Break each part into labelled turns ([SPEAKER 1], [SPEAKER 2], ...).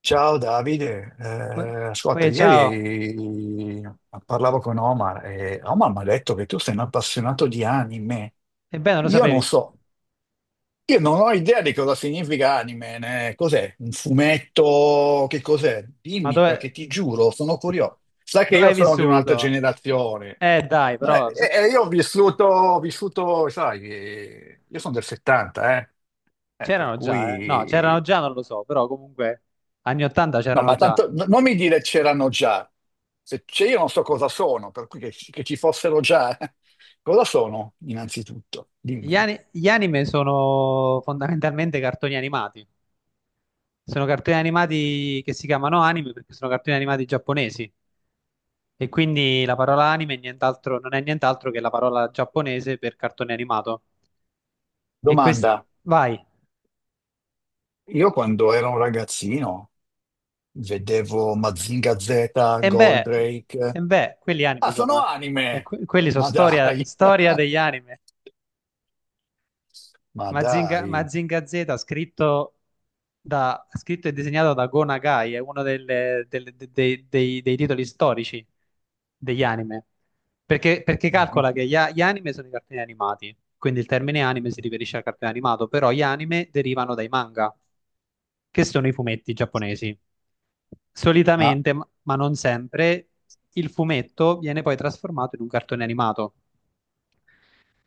[SPEAKER 1] Ciao Davide,
[SPEAKER 2] Poi,
[SPEAKER 1] Ascolta,
[SPEAKER 2] poi, ciao.
[SPEAKER 1] ieri parlavo con Omar e Omar mi ha detto che tu sei un appassionato di anime.
[SPEAKER 2] Ebbene, lo
[SPEAKER 1] Io non
[SPEAKER 2] sapevi?
[SPEAKER 1] so, io non ho idea di cosa significa anime, né? Cos'è? Un fumetto? Che cos'è?
[SPEAKER 2] Ma
[SPEAKER 1] Dimmi,
[SPEAKER 2] dove,
[SPEAKER 1] perché ti giuro, sono curioso. Sai che
[SPEAKER 2] dove
[SPEAKER 1] io
[SPEAKER 2] hai
[SPEAKER 1] sono di un'altra
[SPEAKER 2] vissuto?
[SPEAKER 1] generazione.
[SPEAKER 2] Dai,
[SPEAKER 1] No,
[SPEAKER 2] però
[SPEAKER 1] io ho vissuto, sai, io sono del 70, eh. Per
[SPEAKER 2] c'erano già, eh? No, c'erano
[SPEAKER 1] cui
[SPEAKER 2] già, non lo so, però comunque anni 80
[SPEAKER 1] No,
[SPEAKER 2] c'erano
[SPEAKER 1] ma
[SPEAKER 2] già.
[SPEAKER 1] tanto non mi dire c'erano già. Se c'è io non so cosa sono, per cui che ci fossero già. Cosa sono, innanzitutto? Dimmi.
[SPEAKER 2] Gli anime sono fondamentalmente cartoni animati, sono cartoni animati che si chiamano anime perché sono cartoni animati giapponesi, e quindi la parola anime non è nient'altro che la parola giapponese per cartone animato. E questi...
[SPEAKER 1] Domanda.
[SPEAKER 2] Vai.
[SPEAKER 1] Io quando ero un ragazzino vedevo Mazinga Z,
[SPEAKER 2] E beh, e
[SPEAKER 1] Goldrake.
[SPEAKER 2] beh, quelli anime
[SPEAKER 1] Ah,
[SPEAKER 2] sono.
[SPEAKER 1] sono anime!
[SPEAKER 2] Quelli sono
[SPEAKER 1] Ma
[SPEAKER 2] storia,
[SPEAKER 1] dai!
[SPEAKER 2] storia degli anime.
[SPEAKER 1] Ma
[SPEAKER 2] Mazinga,
[SPEAKER 1] dai!
[SPEAKER 2] Mazinga Z, scritto e disegnato da Go Nagai, è uno dei titoli storici degli anime. Perché calcola che gli anime sono i cartoni animati, quindi il termine anime si riferisce al cartone animato, però gli anime derivano dai manga, che sono i fumetti giapponesi.
[SPEAKER 1] Ma,
[SPEAKER 2] Solitamente, ma non sempre, il fumetto viene poi trasformato in un cartone animato,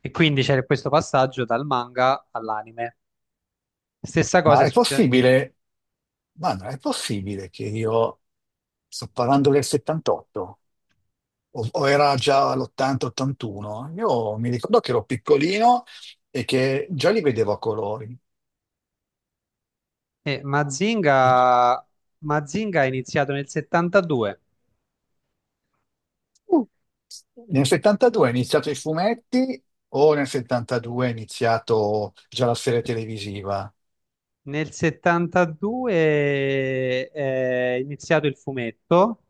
[SPEAKER 2] e quindi c'è questo passaggio dal manga all'anime. Stessa cosa
[SPEAKER 1] ma
[SPEAKER 2] è
[SPEAKER 1] è
[SPEAKER 2] successa.
[SPEAKER 1] possibile? Ma non è possibile che io sto parlando del 78? O era già l'80-81, io mi ricordo che ero piccolino e che già li vedevo a colori. E-
[SPEAKER 2] Mazinga... Mazinga è iniziato nel 72.
[SPEAKER 1] Mm. Nel 72 è iniziato i fumetti o nel 72 è iniziato già la serie televisiva.
[SPEAKER 2] Nel 72 è iniziato il fumetto,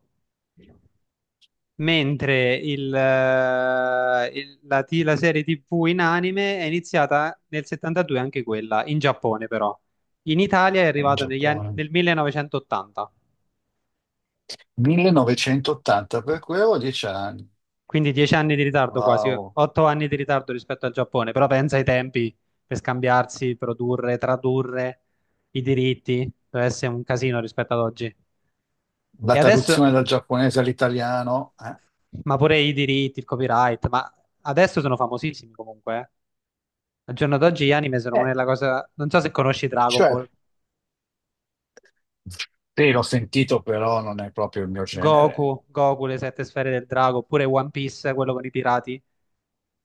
[SPEAKER 2] mentre la serie TV in anime è iniziata nel 72 anche quella, in Giappone però. In Italia è
[SPEAKER 1] In
[SPEAKER 2] arrivato
[SPEAKER 1] Giappone?
[SPEAKER 2] nel 1980,
[SPEAKER 1] 1980, per cui avevo 10 anni.
[SPEAKER 2] quindi 10 anni di ritardo quasi,
[SPEAKER 1] Wow.
[SPEAKER 2] 8 anni di ritardo rispetto al Giappone. Però pensa ai tempi per scambiarsi, produrre, tradurre i diritti: deve essere un casino rispetto ad oggi.
[SPEAKER 1] La
[SPEAKER 2] E adesso,
[SPEAKER 1] traduzione dal giapponese all'italiano, eh?
[SPEAKER 2] ma pure i diritti, il copyright, ma adesso sono famosissimi comunque, eh. Al giorno d'oggi gli anime sono una
[SPEAKER 1] Eh,
[SPEAKER 2] della cosa... Non so se conosci Dragon
[SPEAKER 1] cioè
[SPEAKER 2] Ball,
[SPEAKER 1] Sì, l'ho sentito, però non è proprio il mio genere.
[SPEAKER 2] Goku, Goku, le sette sfere del drago, oppure One Piece, quello con i pirati.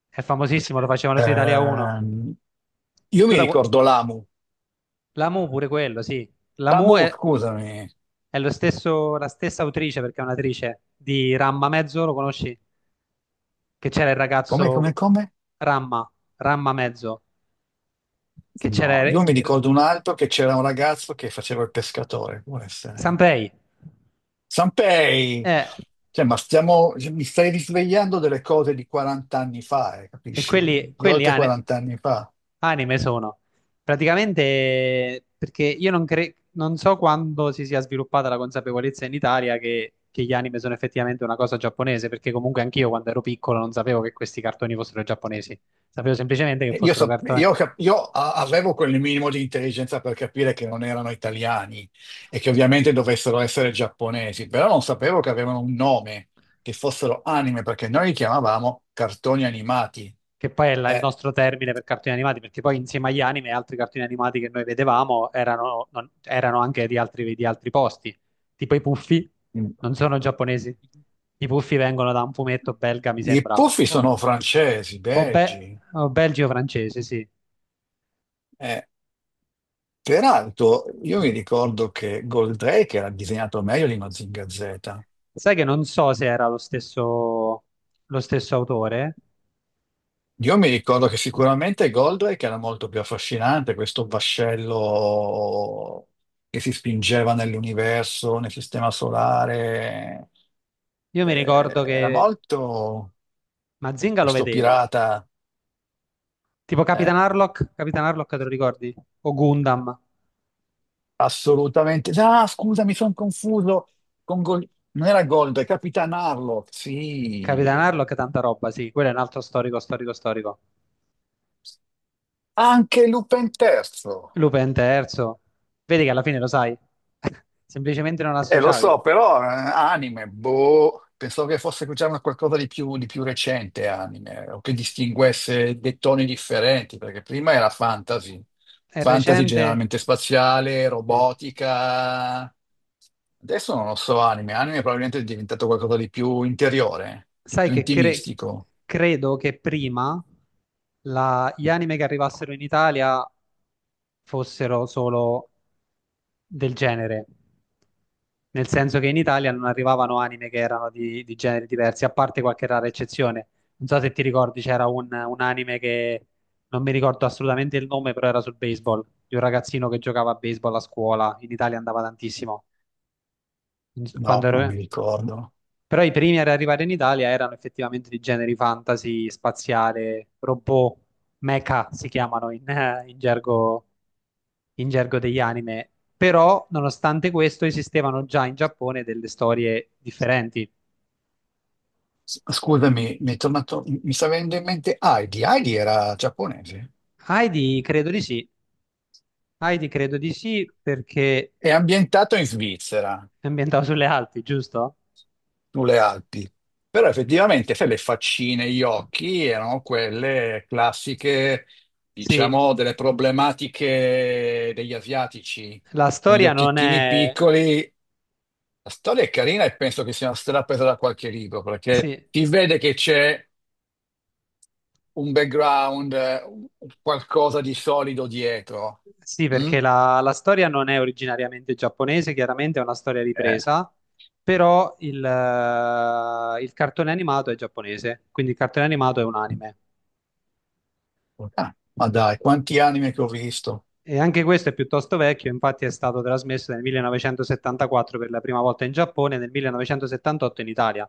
[SPEAKER 2] È famosissimo, lo facevano su Italia 1.
[SPEAKER 1] Ehm, io
[SPEAKER 2] Tu
[SPEAKER 1] mi
[SPEAKER 2] da... qua-
[SPEAKER 1] ricordo Lamu.
[SPEAKER 2] La Mu pure quello, sì. La Mu
[SPEAKER 1] Lamu,
[SPEAKER 2] è,
[SPEAKER 1] scusami.
[SPEAKER 2] è lo stesso, la stessa autrice, perché è un'attrice, di Ramma Mezzo, lo conosci? Che c'era il
[SPEAKER 1] Come, come,
[SPEAKER 2] ragazzo
[SPEAKER 1] come?
[SPEAKER 2] Ramma, Ramma Mezzo, che
[SPEAKER 1] No,
[SPEAKER 2] c'era
[SPEAKER 1] io mi
[SPEAKER 2] il...
[SPEAKER 1] ricordo un altro che c'era un ragazzo che faceva il pescatore. Può essere.
[SPEAKER 2] Sanpei.
[SPEAKER 1] Sanpei!
[SPEAKER 2] Eh,
[SPEAKER 1] Cioè, ma stiamo, mi stai risvegliando delle cose di 40 anni fa,
[SPEAKER 2] E
[SPEAKER 1] capisci?
[SPEAKER 2] quelli,
[SPEAKER 1] Di
[SPEAKER 2] quelli
[SPEAKER 1] oltre
[SPEAKER 2] ane-
[SPEAKER 1] 40 anni fa.
[SPEAKER 2] anime sono. Praticamente, perché io non, non so quando si sia sviluppata la consapevolezza in Italia che gli anime sono effettivamente una cosa giapponese, perché comunque anch'io quando ero piccolo non sapevo che questi cartoni fossero giapponesi. Sapevo semplicemente che
[SPEAKER 1] Io,
[SPEAKER 2] fossero
[SPEAKER 1] so-
[SPEAKER 2] cartoni.
[SPEAKER 1] io cap- io a- avevo quel minimo di intelligenza per capire che non erano italiani e che ovviamente dovessero essere giapponesi, però non sapevo che avevano un nome, che fossero anime, perché noi li chiamavamo cartoni animati.
[SPEAKER 2] Che poi è il
[SPEAKER 1] Eh,
[SPEAKER 2] nostro termine per cartoni animati, perché poi insieme agli anime altri cartoni animati che noi vedevamo erano, erano anche di altri posti, tipo i Puffi,
[SPEAKER 1] mm.
[SPEAKER 2] non sono giapponesi. I Puffi vengono da un fumetto belga, mi
[SPEAKER 1] I
[SPEAKER 2] sembra,
[SPEAKER 1] puffi
[SPEAKER 2] o,
[SPEAKER 1] sono francesi,
[SPEAKER 2] o, be-
[SPEAKER 1] belgi.
[SPEAKER 2] o belgio francese, sì.
[SPEAKER 1] Eh, peraltro, io mi ricordo che Goldrake era disegnato meglio di Mazinga Z.
[SPEAKER 2] Sai che non so se era lo stesso autore.
[SPEAKER 1] Io mi ricordo che sicuramente Goldrake era molto più affascinante, questo vascello che si spingeva nell'universo, nel sistema solare.
[SPEAKER 2] Io
[SPEAKER 1] Eh,
[SPEAKER 2] mi ricordo
[SPEAKER 1] era
[SPEAKER 2] che
[SPEAKER 1] molto
[SPEAKER 2] Mazinga lo
[SPEAKER 1] questo
[SPEAKER 2] vedevo,
[SPEAKER 1] pirata,
[SPEAKER 2] tipo
[SPEAKER 1] eh,
[SPEAKER 2] Capitan Harlock. Capitan Harlock te lo ricordi? O Gundam.
[SPEAKER 1] assolutamente. Ah, scusa, mi sono confuso con Non era Goldrake, Capitan Harlock,
[SPEAKER 2] Capitan
[SPEAKER 1] sì.
[SPEAKER 2] Harlock, è tanta roba, sì, quello è un altro storico, storico, storico.
[SPEAKER 1] Anche Lupin III.
[SPEAKER 2] Lupin terzo, vedi che alla fine lo sai, semplicemente non
[SPEAKER 1] Lo
[SPEAKER 2] l'associavi.
[SPEAKER 1] so, però anime, boh, pensavo che fosse già una qualcosa di più recente anime, o che distinguesse dei toni differenti, perché prima era fantasy,
[SPEAKER 2] È
[SPEAKER 1] fantasy
[SPEAKER 2] recente,
[SPEAKER 1] generalmente spaziale,
[SPEAKER 2] sì.
[SPEAKER 1] robotica, adesso non lo so, anime, anime probabilmente è diventato qualcosa di più interiore, di
[SPEAKER 2] Sai
[SPEAKER 1] più
[SPEAKER 2] che
[SPEAKER 1] intimistico,
[SPEAKER 2] credo che prima gli anime che arrivassero in Italia fossero solo del genere, nel senso che in Italia non arrivavano anime che erano di generi diversi, a parte qualche rara eccezione. Non so se ti ricordi, c'era un anime che non mi ricordo assolutamente il nome, però era sul baseball, di un ragazzino che giocava a baseball a scuola, in Italia andava tantissimo. Quando
[SPEAKER 1] no, non mi
[SPEAKER 2] ero...
[SPEAKER 1] ricordo.
[SPEAKER 2] Però i primi ad arrivare in Italia erano effettivamente di generi fantasy, spaziale, robot, mecha si chiamano in gergo, in gergo degli anime. Però, nonostante questo, esistevano già in Giappone delle storie differenti.
[SPEAKER 1] Scusami, mi è tornato, mi sta venendo in mente Heidi, Heidi era giapponese,
[SPEAKER 2] Heidi, credo di sì. Heidi, credo di sì, perché
[SPEAKER 1] è ambientato in Svizzera.
[SPEAKER 2] è ambientato sulle Alpi, giusto?
[SPEAKER 1] Sulle Alpi. Però effettivamente, sai, le faccine, gli occhi erano quelle classiche,
[SPEAKER 2] Sì,
[SPEAKER 1] diciamo, delle problematiche degli asiatici,
[SPEAKER 2] la
[SPEAKER 1] con gli
[SPEAKER 2] storia non
[SPEAKER 1] occhiettini
[SPEAKER 2] è...
[SPEAKER 1] piccoli. La storia è carina e penso che sia stata presa da qualche libro, perché
[SPEAKER 2] Sì,
[SPEAKER 1] si vede che c'è un background, qualcosa di solido dietro.
[SPEAKER 2] sì,
[SPEAKER 1] Mm?
[SPEAKER 2] perché la storia non è originariamente giapponese, chiaramente è una storia
[SPEAKER 1] Eh.
[SPEAKER 2] ripresa, però il cartone animato è giapponese, quindi il cartone animato è un anime.
[SPEAKER 1] Ah, ma dai, quanti anime che ho visto!
[SPEAKER 2] E anche questo è piuttosto vecchio, infatti è stato trasmesso nel 1974 per la prima volta in Giappone e nel 1978 in Italia.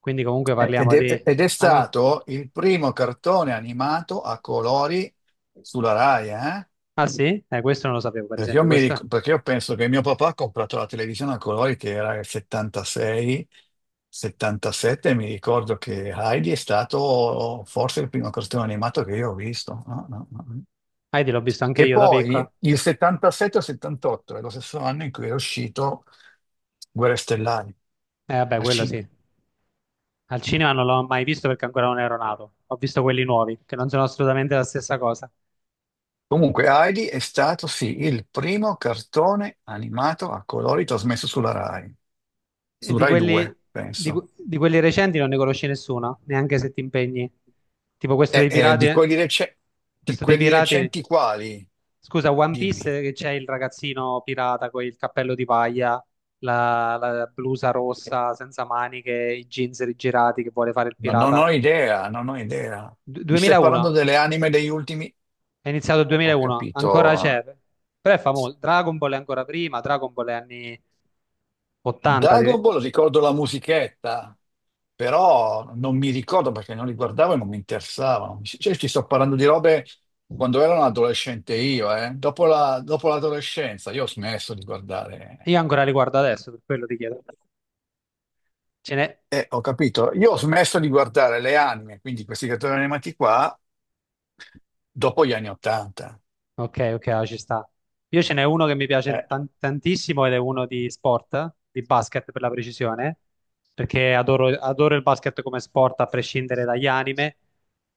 [SPEAKER 2] Quindi comunque
[SPEAKER 1] Eh, Ed
[SPEAKER 2] parliamo
[SPEAKER 1] è,
[SPEAKER 2] di...
[SPEAKER 1] ed è
[SPEAKER 2] an-
[SPEAKER 1] stato il primo cartone animato a colori sulla Rai, eh?
[SPEAKER 2] Ah sì? Questo non lo sapevo, per
[SPEAKER 1] Perché io,
[SPEAKER 2] esempio.
[SPEAKER 1] mi
[SPEAKER 2] Questo...
[SPEAKER 1] ric- perché io penso che mio papà ha comprato la televisione a colori che era il 76, 77, e mi ricordo che Heidi è stato forse il primo cartone animato che io ho visto. No, no, no, no.
[SPEAKER 2] Ah, l'ho visto anche
[SPEAKER 1] E
[SPEAKER 2] io da
[SPEAKER 1] poi
[SPEAKER 2] piccola.
[SPEAKER 1] il 77 o 78 è lo stesso anno in cui è uscito Guerre Stellari
[SPEAKER 2] Vabbè,
[SPEAKER 1] al
[SPEAKER 2] quello sì.
[SPEAKER 1] cinema.
[SPEAKER 2] Al cinema non l'ho mai visto perché ancora non ero nato. Ho visto quelli nuovi, che non sono assolutamente la stessa cosa.
[SPEAKER 1] Comunque, Heidi è stato sì il primo cartone animato a colori trasmesso sulla Rai,
[SPEAKER 2] E
[SPEAKER 1] su Rai 2, penso.
[SPEAKER 2] di quelli recenti non ne conosci nessuno, neanche se ti impegni. Tipo
[SPEAKER 1] E, eh, di quelli rece- di
[SPEAKER 2] questo dei
[SPEAKER 1] quelli
[SPEAKER 2] pirati,
[SPEAKER 1] recenti quali?
[SPEAKER 2] scusa, One
[SPEAKER 1] Dimmi,
[SPEAKER 2] Piece, che c'è il ragazzino pirata con il cappello di paglia, la blusa rossa senza maniche, i jeans rigirati, che vuole fare il
[SPEAKER 1] ma non
[SPEAKER 2] pirata.
[SPEAKER 1] ho idea, non ho idea. Mi stai
[SPEAKER 2] 2001,
[SPEAKER 1] parlando delle anime degli ultimi? eh,
[SPEAKER 2] è iniziato il
[SPEAKER 1] Ho
[SPEAKER 2] 2001, ancora
[SPEAKER 1] capito.
[SPEAKER 2] c'è. Però è famoso. Dragon Ball è ancora prima, Dragon Ball è anni 80,
[SPEAKER 1] Dragon Ball ricordo la musichetta, però non mi ricordo perché non li guardavo e non mi interessavano. Cioè, ti sto parlando di robe quando ero un adolescente io, eh. Dopo l'adolescenza io ho smesso di guardare.
[SPEAKER 2] io ancora li guardo adesso, per quello ti chiedo. Ce n'è...
[SPEAKER 1] Ho capito. Io ho smesso di guardare le anime, quindi questi cartoni animati qua, dopo gli anni Ottanta.
[SPEAKER 2] Ok, ok, ah, ci sta. Io ce n'è uno che mi
[SPEAKER 1] Eh,
[SPEAKER 2] piace tantissimo ed è uno di sport, di basket per la precisione, perché adoro il basket come sport a prescindere dagli anime.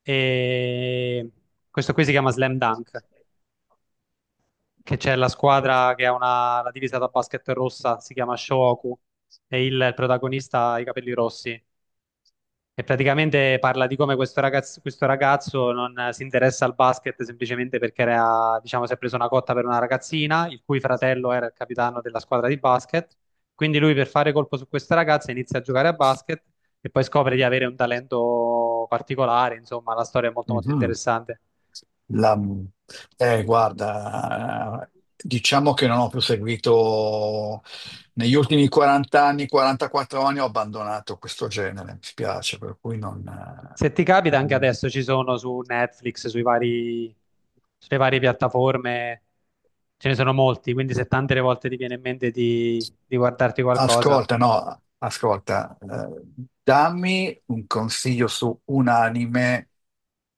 [SPEAKER 2] E questo qui si chiama Slam Dunk, che c'è la squadra che ha una, la divisa da basket rossa, si chiama Shohoku, e il protagonista ha i capelli rossi. E praticamente parla di come questo ragazzo non si interessa al basket semplicemente perché era, diciamo, si è preso una cotta per una ragazzina, il cui fratello era il capitano della squadra di basket. Quindi lui per fare colpo su questa ragazza inizia a giocare a basket e poi scopre di avere un talento particolare. Insomma, la storia è molto molto
[SPEAKER 1] mhm.
[SPEAKER 2] interessante.
[SPEAKER 1] La- guarda, diciamo che non ho più seguito negli ultimi 40 anni, 44 anni, ho abbandonato questo genere, mi spiace, per cui
[SPEAKER 2] Se ti capita, anche
[SPEAKER 1] non-
[SPEAKER 2] adesso ci sono su Netflix, sui vari, sulle varie piattaforme, ce ne sono molti, quindi se tante le volte ti viene in mente di guardarti qualcosa.
[SPEAKER 1] Ascolta, no, ascolta, dammi un consiglio su un anime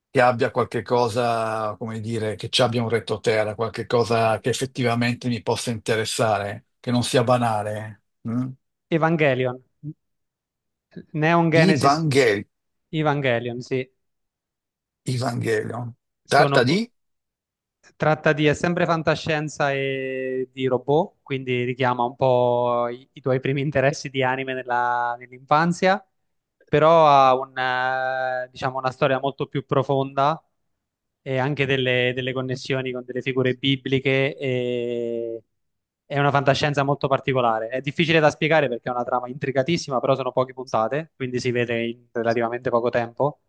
[SPEAKER 1] che abbia qualche cosa, come dire, che ci abbia un retroterra, qualche cosa che effettivamente mi possa interessare, che non sia banale. Mm?
[SPEAKER 2] Evangelion, Neon Genesis
[SPEAKER 1] Evangel-
[SPEAKER 2] Evangelion, sì,
[SPEAKER 1] Evangelion. Tratta
[SPEAKER 2] sono...
[SPEAKER 1] di...
[SPEAKER 2] Tratta di, è sempre fantascienza e di robot, quindi richiama un po' i tuoi primi interessi di anime nell'infanzia, però ha un, diciamo, una storia molto più profonda e anche delle, delle connessioni con delle figure bibliche, e è una fantascienza molto particolare. È difficile da spiegare perché è una trama intricatissima, però sono poche puntate, quindi si vede in relativamente poco tempo.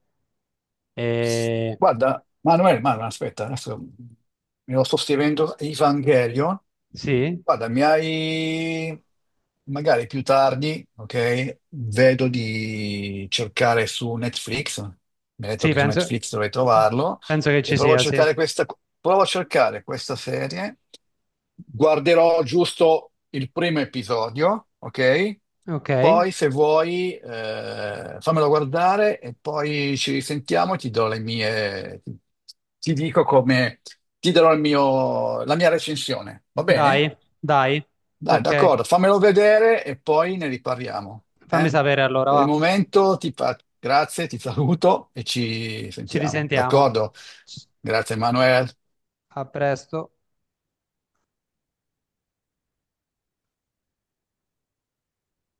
[SPEAKER 2] E...
[SPEAKER 1] Guarda, Manuel, Manuel, aspetta, adesso mi lo sto scrivendo, Evangelion.
[SPEAKER 2] Sì.
[SPEAKER 1] Guarda, mi hai magari più tardi, ok? Vedo di cercare su Netflix. Mi hai detto
[SPEAKER 2] Sì,
[SPEAKER 1] che su
[SPEAKER 2] penso,
[SPEAKER 1] Netflix dovrei trovarlo.
[SPEAKER 2] penso che
[SPEAKER 1] E
[SPEAKER 2] ci
[SPEAKER 1] provo a
[SPEAKER 2] sia, sì.
[SPEAKER 1] cercare questa, provo a cercare questa serie. Guarderò giusto il primo episodio, ok?
[SPEAKER 2] Ok,
[SPEAKER 1] Poi, se vuoi, fammelo guardare e poi ci risentiamo e ti do le mie. Ti dico come. Ti darò la mia recensione. Va bene?
[SPEAKER 2] dai, dai.
[SPEAKER 1] Dai,
[SPEAKER 2] Ok,
[SPEAKER 1] d'accordo, fammelo vedere e poi ne riparliamo.
[SPEAKER 2] fammi
[SPEAKER 1] Eh?
[SPEAKER 2] sapere allora,
[SPEAKER 1] Per il
[SPEAKER 2] va.
[SPEAKER 1] momento ti fa... grazie, ti saluto e ci
[SPEAKER 2] Ci
[SPEAKER 1] sentiamo.
[SPEAKER 2] risentiamo.
[SPEAKER 1] D'accordo? Grazie, Manuel.
[SPEAKER 2] A presto.